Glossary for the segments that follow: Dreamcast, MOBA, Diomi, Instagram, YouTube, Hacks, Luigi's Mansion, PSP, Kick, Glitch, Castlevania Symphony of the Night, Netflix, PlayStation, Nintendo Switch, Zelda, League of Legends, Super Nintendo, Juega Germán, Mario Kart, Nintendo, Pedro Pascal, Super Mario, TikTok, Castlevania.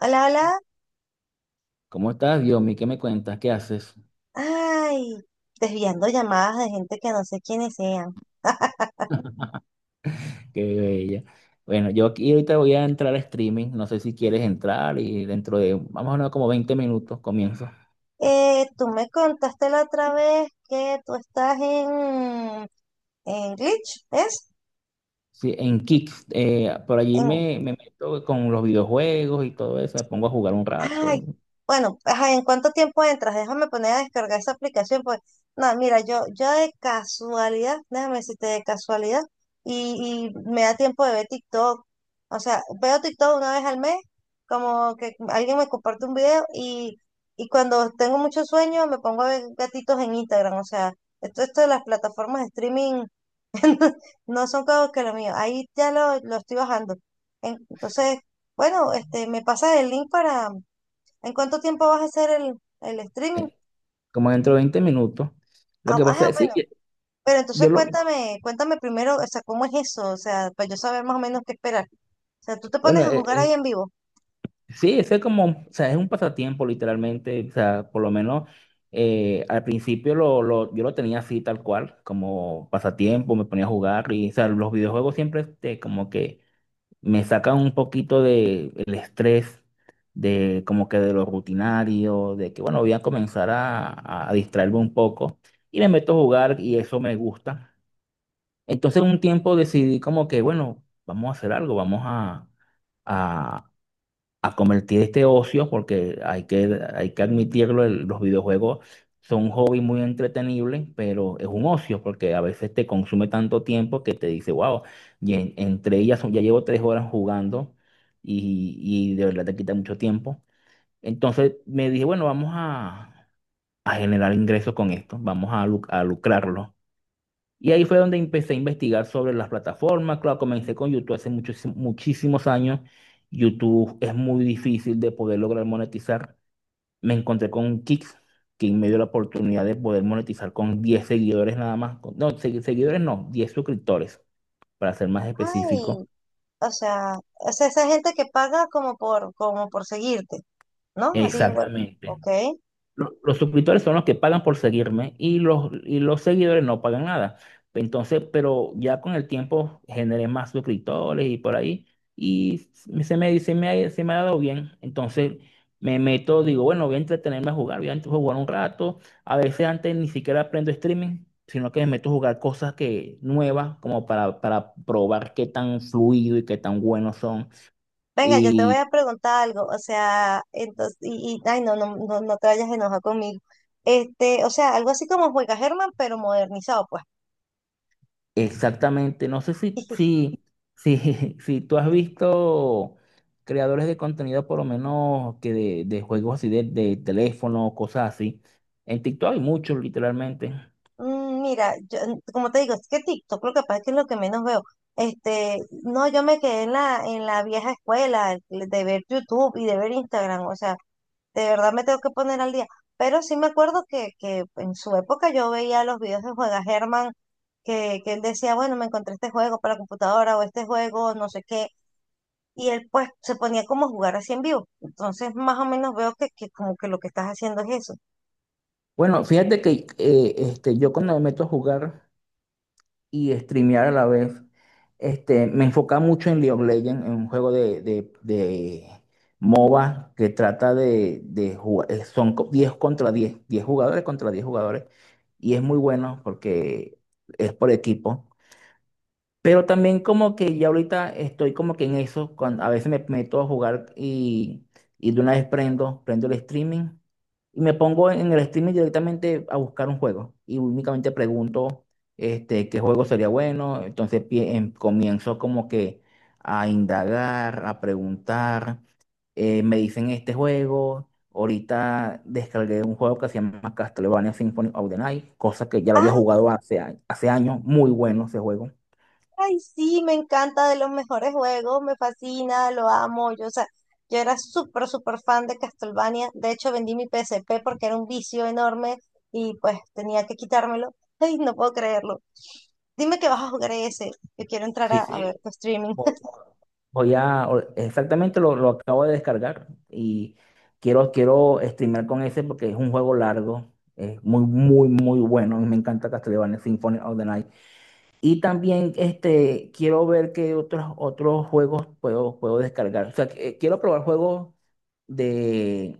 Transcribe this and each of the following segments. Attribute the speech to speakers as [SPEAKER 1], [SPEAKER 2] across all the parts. [SPEAKER 1] Hola, hola.
[SPEAKER 2] ¿Cómo estás, Diomi? ¿Qué me cuentas? ¿Qué haces?
[SPEAKER 1] Ay, desviando llamadas de gente que no sé quiénes sean.
[SPEAKER 2] Qué bella. Bueno, yo aquí ahorita voy a entrar a streaming. No sé si quieres entrar y dentro de, vamos a hablar como 20 minutos, comienzo.
[SPEAKER 1] Tú me contaste la otra vez que tú estás en Glitch, ¿es?
[SPEAKER 2] Sí, en Kick. Por allí me meto con los videojuegos y todo eso. Me pongo a jugar un
[SPEAKER 1] Ay,
[SPEAKER 2] rato.
[SPEAKER 1] bueno, ajá, ¿en cuánto tiempo entras? Déjame poner a descargar esa aplicación, pues, no, mira, yo de casualidad, déjame decirte de casualidad, y me da tiempo de ver TikTok, o sea, veo TikTok una vez al mes, como que alguien me comparte un video, y cuando tengo mucho sueño me pongo a ver gatitos en Instagram, o sea, esto de las plataformas de streaming no son cosas que lo mío, ahí ya lo estoy bajando. Entonces, bueno, este, me pasas el link para... ¿En cuánto tiempo vas a hacer el streaming?
[SPEAKER 2] eh, Como dentro de 20 minutos. Lo
[SPEAKER 1] Ah,
[SPEAKER 2] que pasa
[SPEAKER 1] ah,
[SPEAKER 2] es, sí,
[SPEAKER 1] bueno, pero
[SPEAKER 2] yo
[SPEAKER 1] entonces
[SPEAKER 2] lo,
[SPEAKER 1] cuéntame, cuéntame primero, o sea, ¿cómo es eso? O sea, para yo saber más o menos qué esperar. O sea, tú te pones
[SPEAKER 2] bueno,
[SPEAKER 1] a jugar ahí en vivo.
[SPEAKER 2] sí, ese es como, o sea, es un pasatiempo literalmente, o sea, por lo menos al principio yo lo tenía así tal cual, como pasatiempo, me ponía a jugar y, o sea, los videojuegos siempre este, como que me sacan un poquito de el estrés, de como que de lo rutinario, de que bueno, voy a comenzar a distraerme un poco y me meto a jugar y eso me gusta. Entonces un tiempo decidí como que, bueno, vamos a hacer algo, vamos a convertir este ocio, porque hay que admitirlo, los videojuegos son un hobby muy entretenible, pero es un ocio, porque a veces te consume tanto tiempo que te dice, wow, y entre ellas ya llevo 3 horas jugando y de verdad te quita mucho tiempo. Entonces me dije, bueno, a generar ingresos con esto, vamos a, a lucrarlo. Y ahí fue donde empecé a investigar sobre las plataformas. Claro, comencé con YouTube hace muchísimos años. YouTube es muy difícil de poder lograr monetizar. Me encontré con Kick, que me dio la oportunidad de poder monetizar con 10 seguidores nada más. No, seguidores no, 10 suscriptores, para ser más específico.
[SPEAKER 1] Ay, o sea, esa gente que paga como por, como por seguirte, ¿no? Así, bueno,
[SPEAKER 2] Exactamente.
[SPEAKER 1] ok.
[SPEAKER 2] Los suscriptores son los que pagan por seguirme y los seguidores no pagan nada. Entonces, pero ya con el tiempo generé más suscriptores y por ahí. Y se me ha dado bien. Entonces me meto, digo, bueno, voy a entretenerme a jugar, voy a jugar un rato. A veces antes ni siquiera aprendo streaming, sino que me meto a jugar nuevas, como para probar qué tan fluido y qué tan buenos son.
[SPEAKER 1] Venga, yo te voy a preguntar algo, o sea, entonces, ay, no, no, no, no te vayas enojado conmigo. Este, o sea, algo así como Juega Germán, pero modernizado, pues.
[SPEAKER 2] Exactamente, no sé si, si, si, si tú has visto creadores de contenido, por lo menos que de juegos así de teléfono, cosas así. En TikTok hay muchos, literalmente.
[SPEAKER 1] Mm. Mira, yo, como te digo, es que TikTok lo que pasa es que es lo que menos veo. Este, no, yo me quedé en la vieja escuela de ver YouTube y de ver Instagram, o sea, de verdad me tengo que poner al día. Pero sí me acuerdo que en su época yo veía los videos de Juega Germán, que él decía, bueno, me encontré este juego para computadora o este juego, no sé qué, y él pues se ponía como a jugar así en vivo. Entonces, más o menos veo que como que lo que estás haciendo es eso.
[SPEAKER 2] Bueno, fíjate que este, yo cuando me meto a jugar y streamear a la vez. Este, me enfocaba mucho en League of Legends, en un juego de MOBA que trata de jugar, son 10 contra 10 jugadores contra 10 jugadores, y es muy bueno porque es por equipo. Pero también como que ya ahorita estoy como que en eso, cuando a veces me meto a jugar y de una vez prendo el streaming y me pongo en el streaming directamente a buscar un juego y únicamente pregunto este, qué juego sería bueno, entonces comienzo como que a indagar, a preguntar, me dicen este juego, ahorita descargué un juego que se llama Castlevania Symphony of the Night, cosa que ya lo había
[SPEAKER 1] Ah,
[SPEAKER 2] jugado hace, hace años, muy bueno ese juego.
[SPEAKER 1] ay, sí, me encanta, de los mejores juegos, me fascina, lo amo. Yo, o sea, yo era súper, súper fan de Castlevania. De hecho, vendí mi PSP porque era un vicio enorme y pues tenía que quitármelo. Ay, no puedo creerlo. Dime que vas a jugar ese. Yo quiero entrar
[SPEAKER 2] Sí,
[SPEAKER 1] a ver
[SPEAKER 2] sí.
[SPEAKER 1] tu streaming.
[SPEAKER 2] Voy voy a, exactamente lo acabo de descargar y quiero, quiero streamear con ese porque es un juego largo, es muy bueno y me encanta Castlevania Symphony of the Night. Y también este, quiero ver qué otros juegos puedo, puedo descargar. O sea, que, quiero probar juegos de,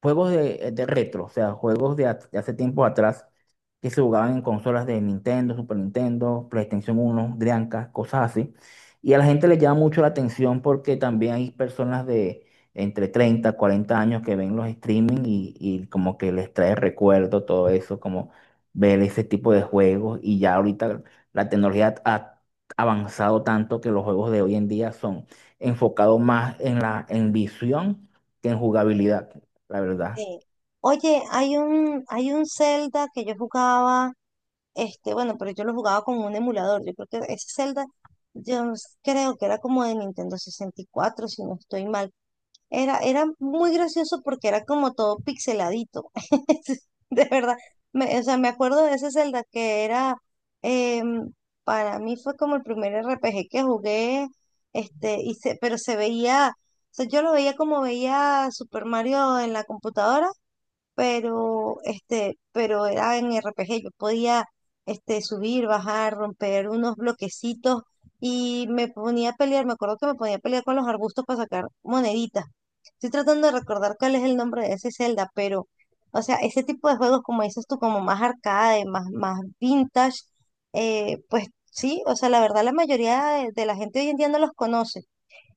[SPEAKER 2] juegos de retro, o sea, juegos de, de hace tiempo atrás que se jugaban en consolas de Nintendo, Super Nintendo, PlayStation uno, Dreamcast, cosas así. Y a la gente le llama mucho la atención porque también hay personas de entre 30, 40 años que ven los streaming y como que les trae recuerdo todo eso, como ver ese tipo de juegos. Y ya ahorita la tecnología ha avanzado tanto que los juegos de hoy en día son enfocados más en la en visión que en jugabilidad la verdad.
[SPEAKER 1] Sí. Oye, hay un Zelda que yo jugaba, este, bueno, pero yo lo jugaba con un emulador. Yo creo que ese Zelda, yo creo que era como de Nintendo 64 si no estoy mal. Era, era muy gracioso porque era como todo pixeladito. De verdad. O sea, me acuerdo de ese Zelda que era, em, para mí fue como el primer RPG que jugué, este, pero se veía, o sea, yo lo veía como veía Super Mario en la computadora, pero este, pero era en RPG. Yo podía este, subir, bajar, romper unos bloquecitos y me ponía a pelear, me acuerdo que me ponía a pelear con los arbustos para sacar moneditas. Estoy tratando de recordar cuál es el nombre de ese Zelda, pero, o sea, ese tipo de juegos, como dices tú, como más arcade, más, más vintage, pues sí, o sea, la verdad la mayoría de la gente hoy en día no los conoce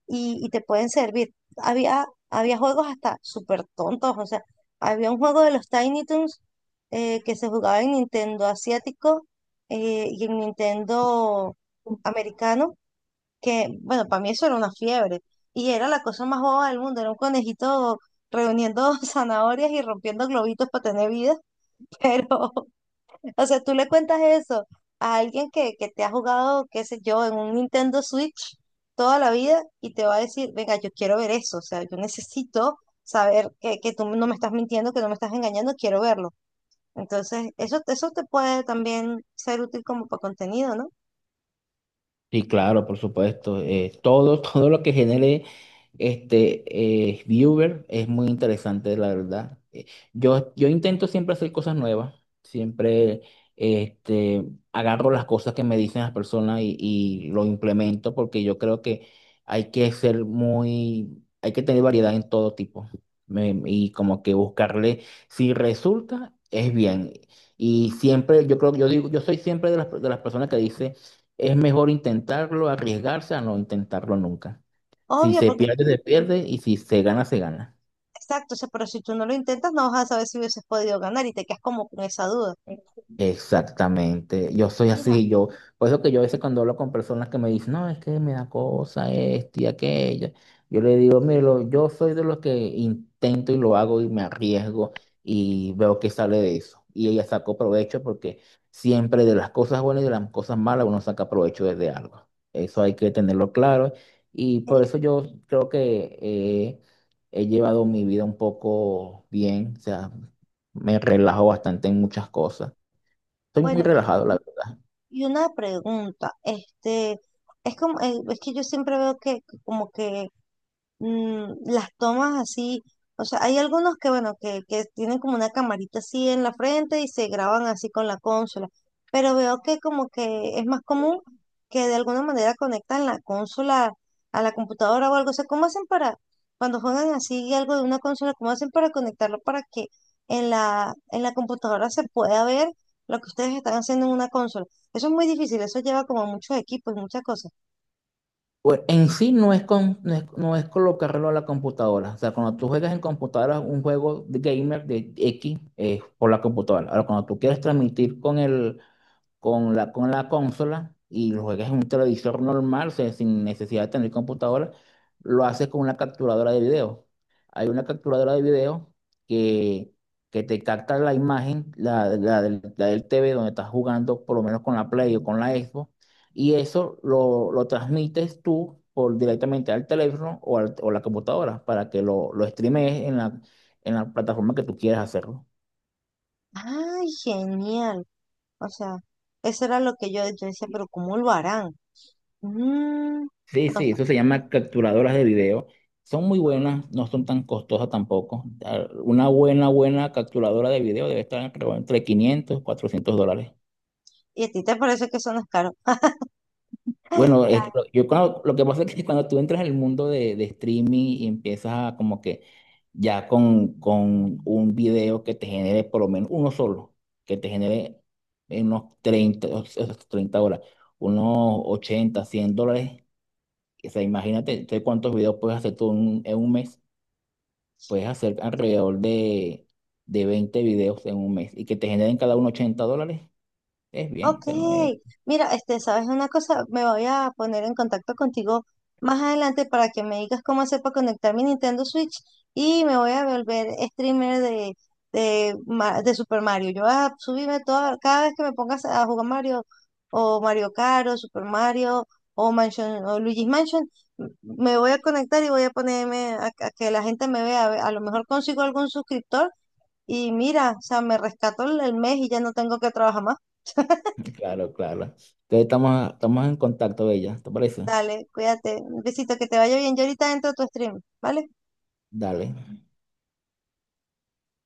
[SPEAKER 1] y te pueden servir. Había, había juegos hasta súper tontos, o sea, había un juego de los Tiny Toons, que se jugaba en Nintendo asiático, y en Nintendo americano, que bueno, para mí eso era una fiebre y era la cosa más boba del mundo, era un conejito reuniendo zanahorias y rompiendo globitos para tener vida, pero o sea, tú le cuentas eso a alguien que te ha jugado, qué sé yo, en un Nintendo Switch toda la vida y te va a decir, venga, yo quiero ver eso, o sea, yo necesito saber que tú no me estás mintiendo, que no me estás engañando, quiero verlo. Entonces, eso te puede también ser útil como para contenido, ¿no?
[SPEAKER 2] Sí, claro, por supuesto. Todo, todo lo que genere este viewer es muy interesante, la verdad. Yo intento siempre hacer cosas nuevas, siempre este, agarro las cosas que me dicen las personas y lo implemento porque yo creo que hay que ser hay que tener variedad en todo tipo y como que buscarle, si resulta, es bien. Y siempre, yo creo, yo digo, yo soy siempre de de las personas que dice es mejor intentarlo, arriesgarse a no intentarlo nunca. Si
[SPEAKER 1] Obvio,
[SPEAKER 2] se
[SPEAKER 1] porque,
[SPEAKER 2] pierde, se pierde y si se gana, se gana.
[SPEAKER 1] exacto, o sea, pero si tú no lo intentas, no vas a saber si hubieses podido ganar y te quedas como con esa duda.
[SPEAKER 2] Exactamente, yo soy
[SPEAKER 1] Mira,
[SPEAKER 2] así, por eso que yo a veces cuando hablo con personas que me dicen, no, es que me da cosa esto y aquello, yo le digo, mire, yo soy de los que intento y lo hago y me arriesgo y veo que sale de eso. Y ella sacó provecho porque siempre de las cosas buenas y de las cosas malas uno saca provecho desde algo. Eso hay que tenerlo claro y
[SPEAKER 1] es-
[SPEAKER 2] por eso yo creo que he llevado mi vida un poco bien, o sea, me relajo bastante en muchas cosas. Estoy muy
[SPEAKER 1] bueno,
[SPEAKER 2] relajado, la verdad.
[SPEAKER 1] y una pregunta, este... Es como, es que yo siempre veo que como que mm, las tomas así, o sea, hay algunos que, bueno, que tienen como una camarita así en la frente y se graban así con la consola, pero veo que como que es más común que de alguna manera conectan la consola a la computadora o algo, o sea, ¿cómo hacen para, cuando juegan así algo de una consola, cómo hacen para conectarlo para que en la computadora se pueda ver lo que ustedes están haciendo en una consola? Eso es muy difícil, eso lleva como muchos equipos y muchas cosas.
[SPEAKER 2] Bueno, en sí no es, no es, no es colocarlo a la computadora. O sea, cuando tú juegas en computadora un juego de gamer de X, por la computadora. Ahora, cuando tú quieres transmitir con con la consola y lo juegas en un televisor normal, o sea, sin necesidad de tener computadora, lo haces con una capturadora de video. Hay una capturadora de video que, que te capta la imagen, la la del TV donde estás jugando, por lo menos con la Play o con la Xbox, y eso lo transmites tú por, directamente al teléfono o, o la computadora para que lo streames en en la plataforma que tú quieras hacerlo.
[SPEAKER 1] ¡Ay, genial! O sea, eso era lo que yo decía, pero ¿cómo lo harán? Mm,
[SPEAKER 2] Sí,
[SPEAKER 1] o
[SPEAKER 2] sí,
[SPEAKER 1] sea,
[SPEAKER 2] eso se llama capturadoras de video. Son muy buenas, no son tan costosas tampoco. Ah, una buena capturadora de video debe estar creo, entre 500, y $400.
[SPEAKER 1] y a ti te parece que eso no es caro.
[SPEAKER 2] Bueno, lo que pasa es que cuando tú entras al mundo de streaming y empiezas a como que ya con un video que te genere por lo menos uno solo, que te genere en unos 30, o sea, 30 horas, unos $80, $100. O sea, imagínate, ¿tú ¿cuántos videos puedes hacer tú en un mes? Puedes hacer alrededor de 20 videos en un mes y que te generen cada uno $80. Es bien, o
[SPEAKER 1] Ok,
[SPEAKER 2] sea, no es-
[SPEAKER 1] mira, este, ¿sabes una cosa? Me voy a poner en contacto contigo más adelante para que me digas cómo hacer para conectar mi Nintendo Switch y me voy a volver streamer de Super Mario. Yo voy a subirme toda, cada vez que me pongas a jugar Mario o Mario Kart o Super Mario o Mansion o Luigi's Mansion, me voy a conectar y voy a ponerme a que la gente me vea. A ver, a lo mejor consigo algún suscriptor y mira, o sea, me rescato el mes y ya no tengo que trabajar más.
[SPEAKER 2] Claro, claro. Entonces estamos en contacto, Bella. ¿Te parece?
[SPEAKER 1] Dale, cuídate. Un besito, que te vaya bien. Yo ahorita entro a tu stream, ¿vale?
[SPEAKER 2] Dale.